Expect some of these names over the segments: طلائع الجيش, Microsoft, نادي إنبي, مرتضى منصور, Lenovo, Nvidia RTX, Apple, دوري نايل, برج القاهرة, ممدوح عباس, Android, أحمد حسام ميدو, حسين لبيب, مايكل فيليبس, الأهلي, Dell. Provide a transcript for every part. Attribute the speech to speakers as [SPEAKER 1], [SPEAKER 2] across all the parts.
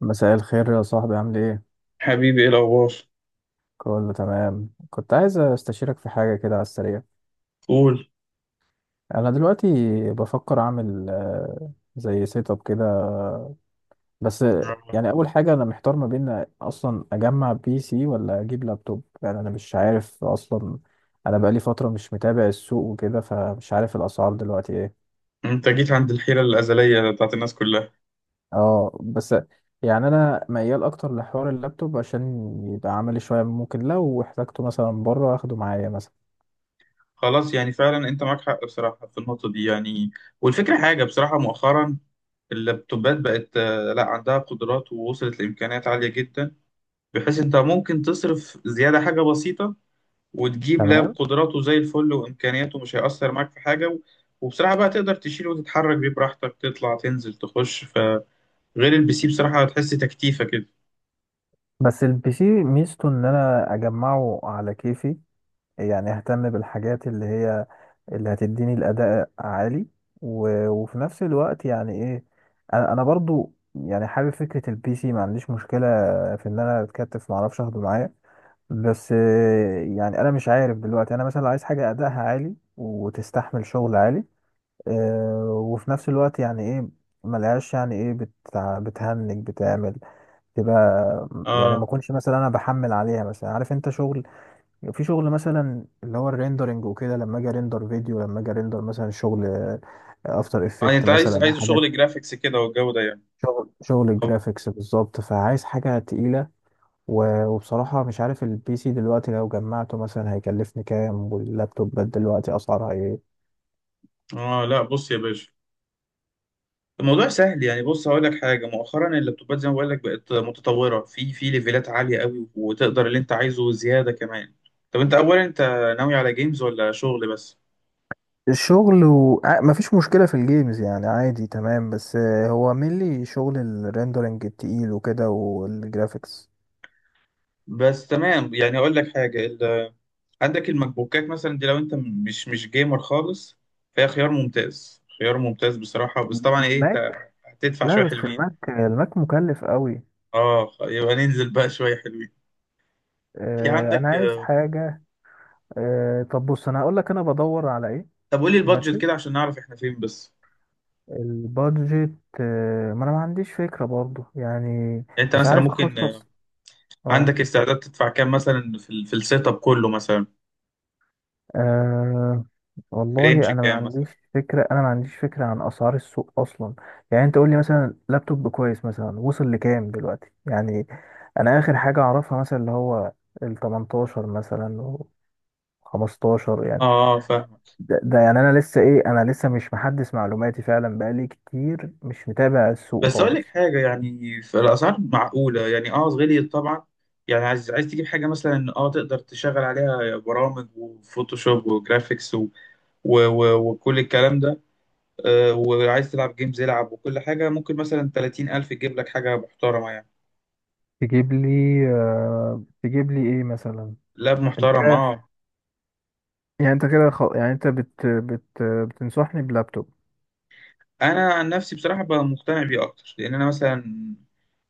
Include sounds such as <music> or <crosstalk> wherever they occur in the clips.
[SPEAKER 1] مساء الخير يا صاحبي، عامل ايه؟
[SPEAKER 2] حبيبي، ايه الاخبار؟
[SPEAKER 1] كله تمام. كنت عايز استشيرك في حاجة كده على السريع.
[SPEAKER 2] قول.
[SPEAKER 1] انا دلوقتي بفكر اعمل زي سيت اب كده بس.
[SPEAKER 2] يلا.
[SPEAKER 1] يعني اول حاجة انا محتار ما بين اصلا اجمع بي سي ولا اجيب لابتوب. يعني انا مش عارف اصلا. انا بقالي فترة مش متابع السوق وكده، فمش عارف الاسعار دلوقتي ايه.
[SPEAKER 2] انت جيت عند الحيره الازليه بتاعت الناس كلها.
[SPEAKER 1] اه، بس يعني انا ميال اكتر لحوار اللابتوب، عشان يبقى عملي شوية. ممكن لو احتاجته مثلا بره اخده معايا مثلا.
[SPEAKER 2] خلاص، يعني فعلا انت معاك حق بصراحه في النقطه دي يعني. والفكره حاجه بصراحه، مؤخرا اللابتوبات بقت، لا، عندها قدرات ووصلت لامكانيات عاليه جدا، بحيث انت ممكن تصرف زياده حاجه بسيطه وتجيب لاب
[SPEAKER 1] تمام.
[SPEAKER 2] قدراته زي الفل وامكانياته مش هيأثر معاك في حاجه. وبصراحه بقى تقدر تشيل وتتحرك بيه براحتك، تطلع تنزل تخش، فغير البي سي بصراحه هتحس تكتيفه كده.
[SPEAKER 1] بس البي سي ميزته ان انا اجمعه على كيفي، يعني اهتم بالحاجات اللي هي اللي هتديني الاداء عالي. و... وفي نفس الوقت يعني ايه، انا برضو يعني حابب فكرة البي سي. ما عنديش مشكلة في ان انا اتكتف، ما اعرفش اخده معايا. بس يعني انا مش عارف دلوقتي. انا مثلا عايز حاجة ادائها عالي وتستحمل شغل عالي، وفي نفس الوقت يعني ايه، ملهاش يعني ايه، بتهنج، بتعمل تبقى. يعني ما
[SPEAKER 2] اه،
[SPEAKER 1] اكونش مثلا انا بحمل عليها مثلا. عارف انت شغل، في شغل مثلا اللي هو الريندرنج وكده. لما اجي ريندر فيديو، لما اجي ريندر مثلا شغل افتر
[SPEAKER 2] يعني
[SPEAKER 1] افكت
[SPEAKER 2] انت عايز
[SPEAKER 1] مثلا
[SPEAKER 2] عايز شغل
[SPEAKER 1] حاجات.
[SPEAKER 2] جرافيكس كده والجو ده يعني.
[SPEAKER 1] شغل
[SPEAKER 2] طب،
[SPEAKER 1] الجرافيكس بالظبط. فعايز حاجه تقيله. و- وبصراحه مش عارف البي سي دلوقتي لو جمعته مثلا هيكلفني كام، واللابتوبات دلوقتي اسعارها ايه.
[SPEAKER 2] اه، لا، بص يا باشا، الموضوع سهل يعني. بص هقول لك حاجه، مؤخرا اللابتوبات زي ما بقول لك بقت متطوره في ليفلات عاليه قوي، وتقدر اللي انت عايزه زياده كمان. طب انت اولا، انت ناوي على جيمز ولا شغل بس؟
[SPEAKER 1] الشغل مفيش مشكلة في الجيمز، يعني عادي تمام. بس هو مينلي شغل الريندرنج التقيل وكده والجرافيكس.
[SPEAKER 2] بس تمام، يعني اقول لك حاجه. عندك الماك بوكات مثلا دي، لو انت مش جيمر خالص فهي خيار ممتاز، خيار ممتاز بصراحه، بس طبعا ايه، انت
[SPEAKER 1] الماك.
[SPEAKER 2] هتدفع
[SPEAKER 1] لا
[SPEAKER 2] شويه
[SPEAKER 1] بس
[SPEAKER 2] حلوين.
[SPEAKER 1] الماك مكلف قوي.
[SPEAKER 2] اه، يبقى ننزل بقى شويه حلوين. في
[SPEAKER 1] انا
[SPEAKER 2] عندك.
[SPEAKER 1] عايز حاجه. طب بص انا هقول لك انا بدور على ايه.
[SPEAKER 2] طب قولي البادجت
[SPEAKER 1] ماشي.
[SPEAKER 2] كده عشان نعرف احنا فين بس.
[SPEAKER 1] البادجت. ما انا ما عنديش فكره برضو يعني.
[SPEAKER 2] يعني انت
[SPEAKER 1] مش
[SPEAKER 2] مثلا
[SPEAKER 1] عارف
[SPEAKER 2] ممكن،
[SPEAKER 1] اخصص. اه.
[SPEAKER 2] عندك استعداد تدفع كام مثلا في السيت اب كله مثلا؟
[SPEAKER 1] آه،
[SPEAKER 2] رينج
[SPEAKER 1] والله
[SPEAKER 2] كام مثلا؟
[SPEAKER 1] انا ما عنديش فكره عن اسعار السوق اصلا. يعني انت قول لي مثلا لابتوب كويس مثلا وصل لكام دلوقتي يعني. انا اخر حاجه اعرفها مثلا اللي هو ال 18 مثلا و 15 يعني.
[SPEAKER 2] اه، فاهمك.
[SPEAKER 1] ده، يعني انا لسه مش محدث معلوماتي فعلا. بقالي كتير مش متابع السوق
[SPEAKER 2] بس اقول لك
[SPEAKER 1] خالص.
[SPEAKER 2] حاجه، يعني في الاسعار معقوله يعني. اه، غليت طبعا. يعني عايز تجيب حاجه مثلا، اه تقدر تشغل عليها برامج وفوتوشوب وجرافيكس وكل الكلام ده. آه، وعايز تلعب جيمز العب، وكل حاجه. ممكن مثلا 30000 تجيب لك حاجه محترمه يعني،
[SPEAKER 1] تجيب لي، آه تجيب لي ايه مثلا.
[SPEAKER 2] لاب
[SPEAKER 1] انت
[SPEAKER 2] محترم،
[SPEAKER 1] كده،
[SPEAKER 2] اه.
[SPEAKER 1] يعني انت كده يعني انت بتنصحني بلابتوب.
[SPEAKER 2] انا عن نفسي بصراحه بقى مقتنع بيه اكتر، لان انا مثلا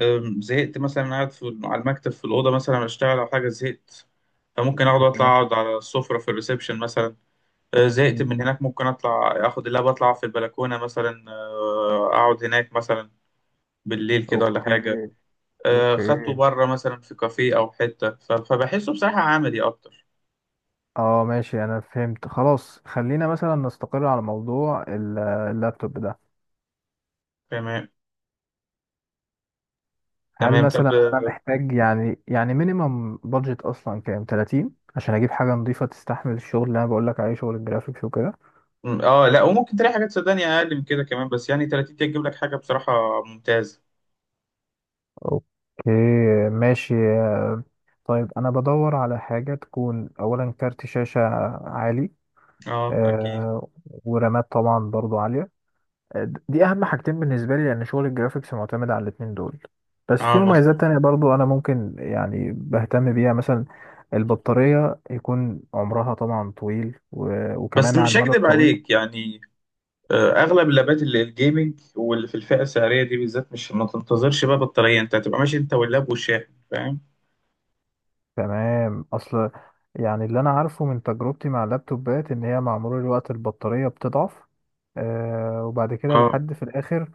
[SPEAKER 2] زهقت مثلا قاعد على المكتب في الاوضه مثلا اشتغل او حاجه، زهقت، فممكن اقعد، اطلع،
[SPEAKER 1] تمام.
[SPEAKER 2] اقعد على السفره في الريسبشن مثلا. زهقت
[SPEAKER 1] مم.
[SPEAKER 2] من هناك، ممكن اطلع اخد اللاب، اطلع في البلكونه مثلا، اقعد هناك مثلا بالليل كده ولا
[SPEAKER 1] اوكي.
[SPEAKER 2] حاجه.
[SPEAKER 1] اوكي.
[SPEAKER 2] خدته بره مثلا في كافيه او حته، فبحسه بصراحه عملي اكتر.
[SPEAKER 1] اه ماشي، انا فهمت. خلاص خلينا مثلا نستقر على موضوع اللابتوب ده.
[SPEAKER 2] تمام،
[SPEAKER 1] هل
[SPEAKER 2] تمام. طب،
[SPEAKER 1] مثلا انا محتاج، يعني مينيمم بادجت اصلا كام، 30 عشان اجيب حاجه نظيفه تستحمل الشغل اللي انا بقول لك عليه، شغل الجرافيكس وكده.
[SPEAKER 2] اه، لا وممكن تلاقي حاجات صدقني اقل من كده كمان، بس يعني 30 دقيقه تجيب لك حاجه بصراحه ممتازه.
[SPEAKER 1] اوكي ماشي. طيب انا بدور على حاجة تكون اولا كارت شاشة عالي،
[SPEAKER 2] اه، اكيد.
[SPEAKER 1] آه، ورامات طبعا برضو عالية. دي اهم حاجتين بالنسبة لي، لان شغل الجرافيكس معتمد على الاتنين دول. بس في
[SPEAKER 2] اه،
[SPEAKER 1] مميزات
[SPEAKER 2] مظبوط.
[SPEAKER 1] تانية برضو انا ممكن يعني بهتم بيها مثلا. البطارية يكون عمرها طبعا طويل، و-
[SPEAKER 2] بس
[SPEAKER 1] وكمان على
[SPEAKER 2] مش
[SPEAKER 1] المدى
[SPEAKER 2] هكدب
[SPEAKER 1] الطويل.
[SPEAKER 2] عليك يعني، اغلب اللابات اللي الجيمنج واللي في الفئه السعريه دي بالذات، مش ما تنتظرش بقى بطاريه، انت هتبقى ماشي انت واللاب والشاحن، فاهم؟
[SPEAKER 1] تمام. اصل يعني اللي انا عارفه من تجربتي مع اللابتوبات ان هي مع مرور الوقت البطارية بتضعف. آه، وبعد كده
[SPEAKER 2] اه.
[SPEAKER 1] لحد في الاخر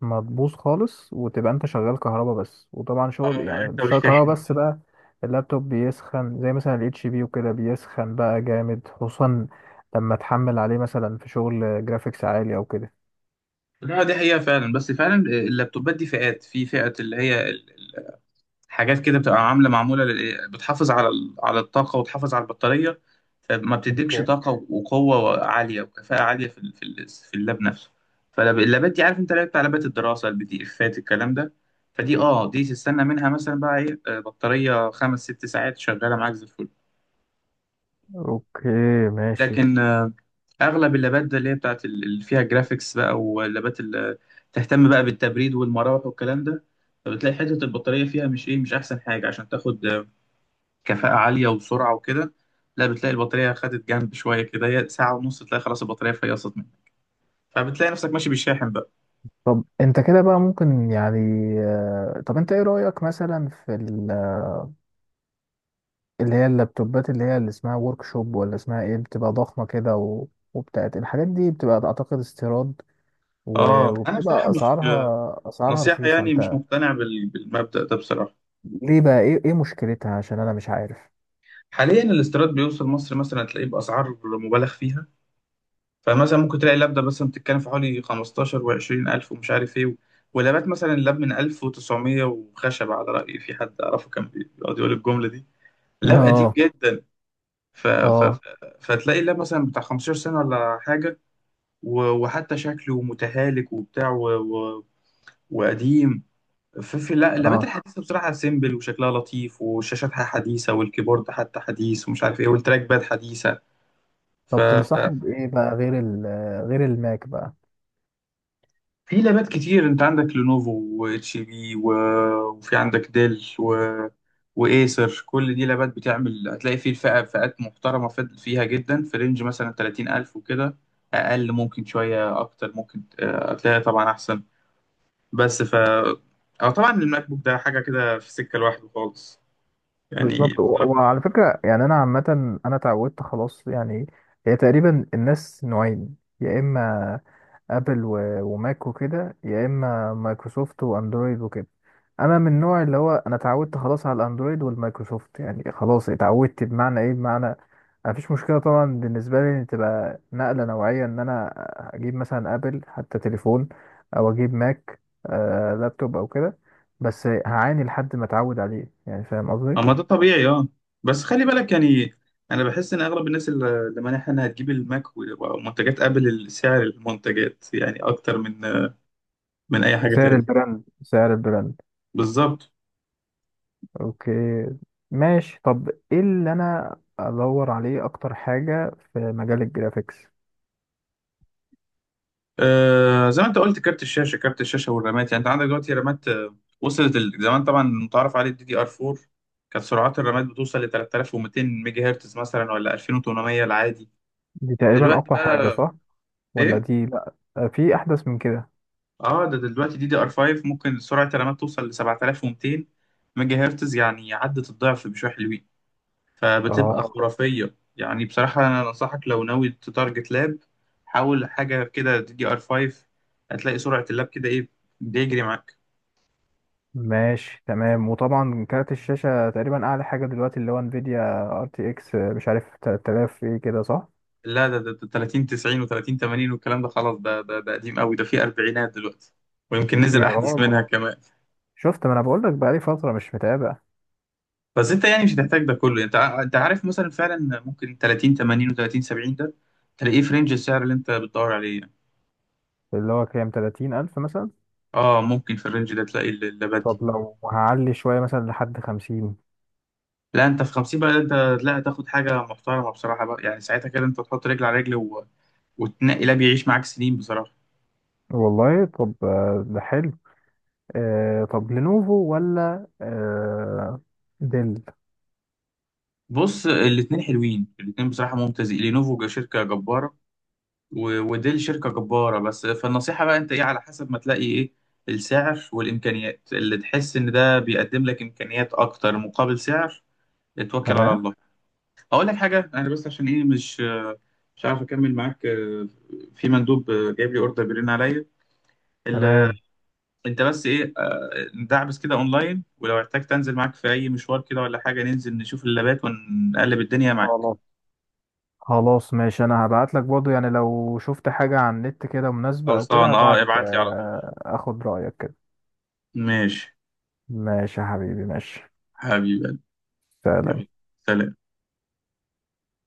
[SPEAKER 1] ما تبوظ خالص، وتبقى انت شغال كهربا بس. وطبعا
[SPEAKER 2] اه،
[SPEAKER 1] شغل
[SPEAKER 2] لا،
[SPEAKER 1] يعني
[SPEAKER 2] انت
[SPEAKER 1] مش شغال كهربا
[SPEAKER 2] والشاحن.
[SPEAKER 1] بس بقى. اللابتوب بيسخن زي مثلا الاتش بي وكده، بيسخن بقى جامد خصوصا لما تحمل عليه مثلا في شغل جرافيكس عالي او كده.
[SPEAKER 2] لا، دي حقيقه فعلا، بس فعلا اللابتوبات دي فئات، في فئه اللي هي حاجات كده بتبقى معموله لل- إيه، بتحافظ على على الطاقه وتحافظ على البطاريه، فما بتديكش
[SPEAKER 1] اوكي.
[SPEAKER 2] طاقه وقوه عاليه وكفاءه عاليه في اللاب نفسه. فاللابات دي، عارف انت، لعبت لابات الدراسه، البي دي افات الكلام ده، فدي، اه، دي تستنى منها مثلا بقى ايه، بطاريه خمس ست ساعات شغاله معاك زي الفل.
[SPEAKER 1] اوكي ماشي.
[SPEAKER 2] لكن اغلب اللابات ده اللي هي بتاعت اللي فيها جرافيكس بقى، واللابات اللي تهتم بقى بالتبريد والمراوح والكلام ده، فبتلاقي حته البطاريه فيها مش، مش احسن حاجه عشان تاخد كفاءة عالية وسرعة وكده. لا، بتلاقي البطارية خدت جنب شوية كده، هي ساعة ونص تلاقي خلاص البطارية فيصت منك، فبتلاقي نفسك ماشي بالشاحن بقى.
[SPEAKER 1] طب انت كده بقى ممكن يعني، طب انت ايه رأيك مثلا في اللي هي اللابتوبات، اللي هي اللي اسمها ورك شوب ولا اسمها ايه، بتبقى ضخمة كده، و... وبتاعت الحاجات دي بتبقى اعتقد استيراد، و...
[SPEAKER 2] اه، انا بصراحة
[SPEAKER 1] وبتبقى
[SPEAKER 2] مش
[SPEAKER 1] اسعارها
[SPEAKER 2] نصيحة،
[SPEAKER 1] رخيصة
[SPEAKER 2] يعني مش
[SPEAKER 1] انت.
[SPEAKER 2] مقتنع بالمبدأ ده بصراحة.
[SPEAKER 1] ليه بقى، ايه مشكلتها عشان انا مش عارف.
[SPEAKER 2] حاليا الاستيراد بيوصل مصر مثلا تلاقيه بأسعار مبالغ فيها، فمثلا ممكن تلاقي اللبدة مثلا بتتكلم في حوالي 15 و20 ألف ومش عارف ايه. ولابات مثلا، اللاب من 1900 وخشب، على رأيي في حد أعرفه كان بيقعد يقول الجملة دي،
[SPEAKER 1] <laughs>
[SPEAKER 2] لاب قديم
[SPEAKER 1] اه.
[SPEAKER 2] جدا. ف... ف...
[SPEAKER 1] اه،
[SPEAKER 2] ف- فتلاقي ده مثلا بتاع 15 سنة ولا حاجة، وحتى شكله متهالك وبتاع وقديم. في, في لا، اللابات
[SPEAKER 1] اه،
[SPEAKER 2] الحديثة بصراحة سيمبل وشكلها لطيف، والشاشات حديثة، والكيبورد حتى حديث، ومش عارف ايه، والتراك باد حديثة. ف...
[SPEAKER 1] طب
[SPEAKER 2] ف...
[SPEAKER 1] تنصحني بايه بقى، غير غير الماك بقى.
[SPEAKER 2] في لابات كتير، انت عندك لينوفو واتش بي، وفي عندك ديل، وايسر، كل دي لابات بتعمل. هتلاقي في فئات محترمة فيها جدا، في رينج مثلا 30000 وكده، اقل ممكن شوية، اكتر ممكن، هتلاقي طبعا احسن. بس ف اه، طبعا الماك بوك ده حاجة كده في سكة لوحده خالص يعني
[SPEAKER 1] بالظبط. و... وعلى
[SPEAKER 2] بصراحة.
[SPEAKER 1] فكرة يعني انا عامة، انا اتعودت خلاص يعني. هي تقريبا الناس نوعين، يا اما ابل و- وماك وكده، يا اما مايكروسوفت واندرويد وكده. انا من النوع اللي هو انا اتعودت خلاص على الاندرويد والمايكروسوفت. يعني خلاص اتعودت، بمعنى ايه؟ بمعنى مفيش مشكله طبعا بالنسبه لي ان تبقى نقله نوعيه ان انا اجيب مثلا ابل حتى تليفون، او اجيب ماك، لابتوب او كده. بس هعاني لحد ما اتعود عليه يعني، فاهم قصدي.
[SPEAKER 2] اما ده طبيعي، اه. بس خلي بالك يعني، انا بحس ان اغلب الناس اللي مانعها انها تجيب الماك ومنتجات ابل سعر المنتجات، يعني اكتر من اي حاجه
[SPEAKER 1] بسعر
[SPEAKER 2] تاني.
[SPEAKER 1] البراند، سعر البراند.
[SPEAKER 2] بالظبط.
[SPEAKER 1] اوكي. ماشي. طب ايه اللي انا ادور عليه اكتر حاجة في مجال الجرافيكس.
[SPEAKER 2] آه، زي ما انت قلت، كارت الشاشه، والرامات. يعني انت عندك دلوقتي رامات، وصلت. زمان طبعا متعارف عليه الدي دي ار 4، كانت سرعات الرامات بتوصل ل 3200 ميجا هرتز مثلا، ولا 2800 العادي.
[SPEAKER 1] دي تقريبا
[SPEAKER 2] دلوقتي
[SPEAKER 1] اقوى حاجة،
[SPEAKER 2] بقى
[SPEAKER 1] صح؟ ولا
[SPEAKER 2] ايه؟
[SPEAKER 1] دي، لا، في احدث من كده.
[SPEAKER 2] اه، ده دلوقتي دي دي ار 5، ممكن سرعة الرامات توصل ل 7200 ميجا هرتز، يعني عدت الضعف بشوية حلوين، فبتبقى
[SPEAKER 1] اه
[SPEAKER 2] خرافية يعني بصراحة. أنا أنصحك لو ناوي تتارجت لاب، حاول حاجة كده دي دي ار 5، هتلاقي سرعة اللاب كده إيه، بيجري معاك.
[SPEAKER 1] ماشي تمام. وطبعا كارت الشاشة تقريبا اعلى حاجة دلوقتي اللي هو انفيديا ار تي اكس، مش عارف 3000 ايه كده، صح؟
[SPEAKER 2] لا، ده 30 90 و30 80 والكلام ده خلاص، ده قديم قوي، ده فيه أربعينات دلوقتي، ويمكن نزل
[SPEAKER 1] يا
[SPEAKER 2] أحدث
[SPEAKER 1] راجل،
[SPEAKER 2] منها كمان.
[SPEAKER 1] شفت، ما انا بقول لك بقالي فترة مش متابع.
[SPEAKER 2] بس انت يعني مش هتحتاج ده كله، انت عارف مثلا، فعلا ممكن 30 80 و30 70 ده تلاقيه في رينج السعر اللي انت بتدور عليه يعني.
[SPEAKER 1] اللي هو كام، 30,000 مثلا.
[SPEAKER 2] اه، ممكن في الرينج ده تلاقي اللابات
[SPEAKER 1] طب
[SPEAKER 2] دي.
[SPEAKER 1] لو هعلي شوية مثلا لحد 50.
[SPEAKER 2] لا، انت في 50 بقى انت، لا، تاخد حاجه محترمه بصراحه بقى، يعني ساعتها كده انت تحط رجل على رجل وتنقي لاب يعيش معاك سنين بصراحه.
[SPEAKER 1] والله طب، ده حلو. طب لينوفو ولا ديل.
[SPEAKER 2] بص، الاتنين حلوين، الاتنين بصراحه ممتازين، لينوفو شركه جباره، ودي الشركة جبارة بس، فالنصيحة بقى انت ايه، على حسب ما تلاقي ايه السعر والامكانيات، اللي تحس ان ده بيقدم لك امكانيات اكتر مقابل سعر، اتوكل على
[SPEAKER 1] تمام
[SPEAKER 2] الله. اقول لك حاجة انا بس، عشان ايه مش عارف اكمل معاك، في مندوب جايب لي اوردر بيرن عليا ال-
[SPEAKER 1] تمام.
[SPEAKER 2] انت بس ايه، ندعبس كده اونلاين، ولو احتجت انزل معاك في اي مشوار كده ولا حاجة، ننزل نشوف اللابات ونقلب الدنيا معاك.
[SPEAKER 1] خلاص خلاص. ماشي، انا هبعت لك برضه يعني. لو شفت حاجة على النت كده مناسبة او كده
[SPEAKER 2] خلصان، اه،
[SPEAKER 1] هبعت،
[SPEAKER 2] ابعت لي على طول.
[SPEAKER 1] اخد رأيك كده.
[SPEAKER 2] ماشي
[SPEAKER 1] ماشي يا حبيبي، ماشي.
[SPEAKER 2] حبيبي. يلا.
[SPEAKER 1] سلام.
[SPEAKER 2] سلام.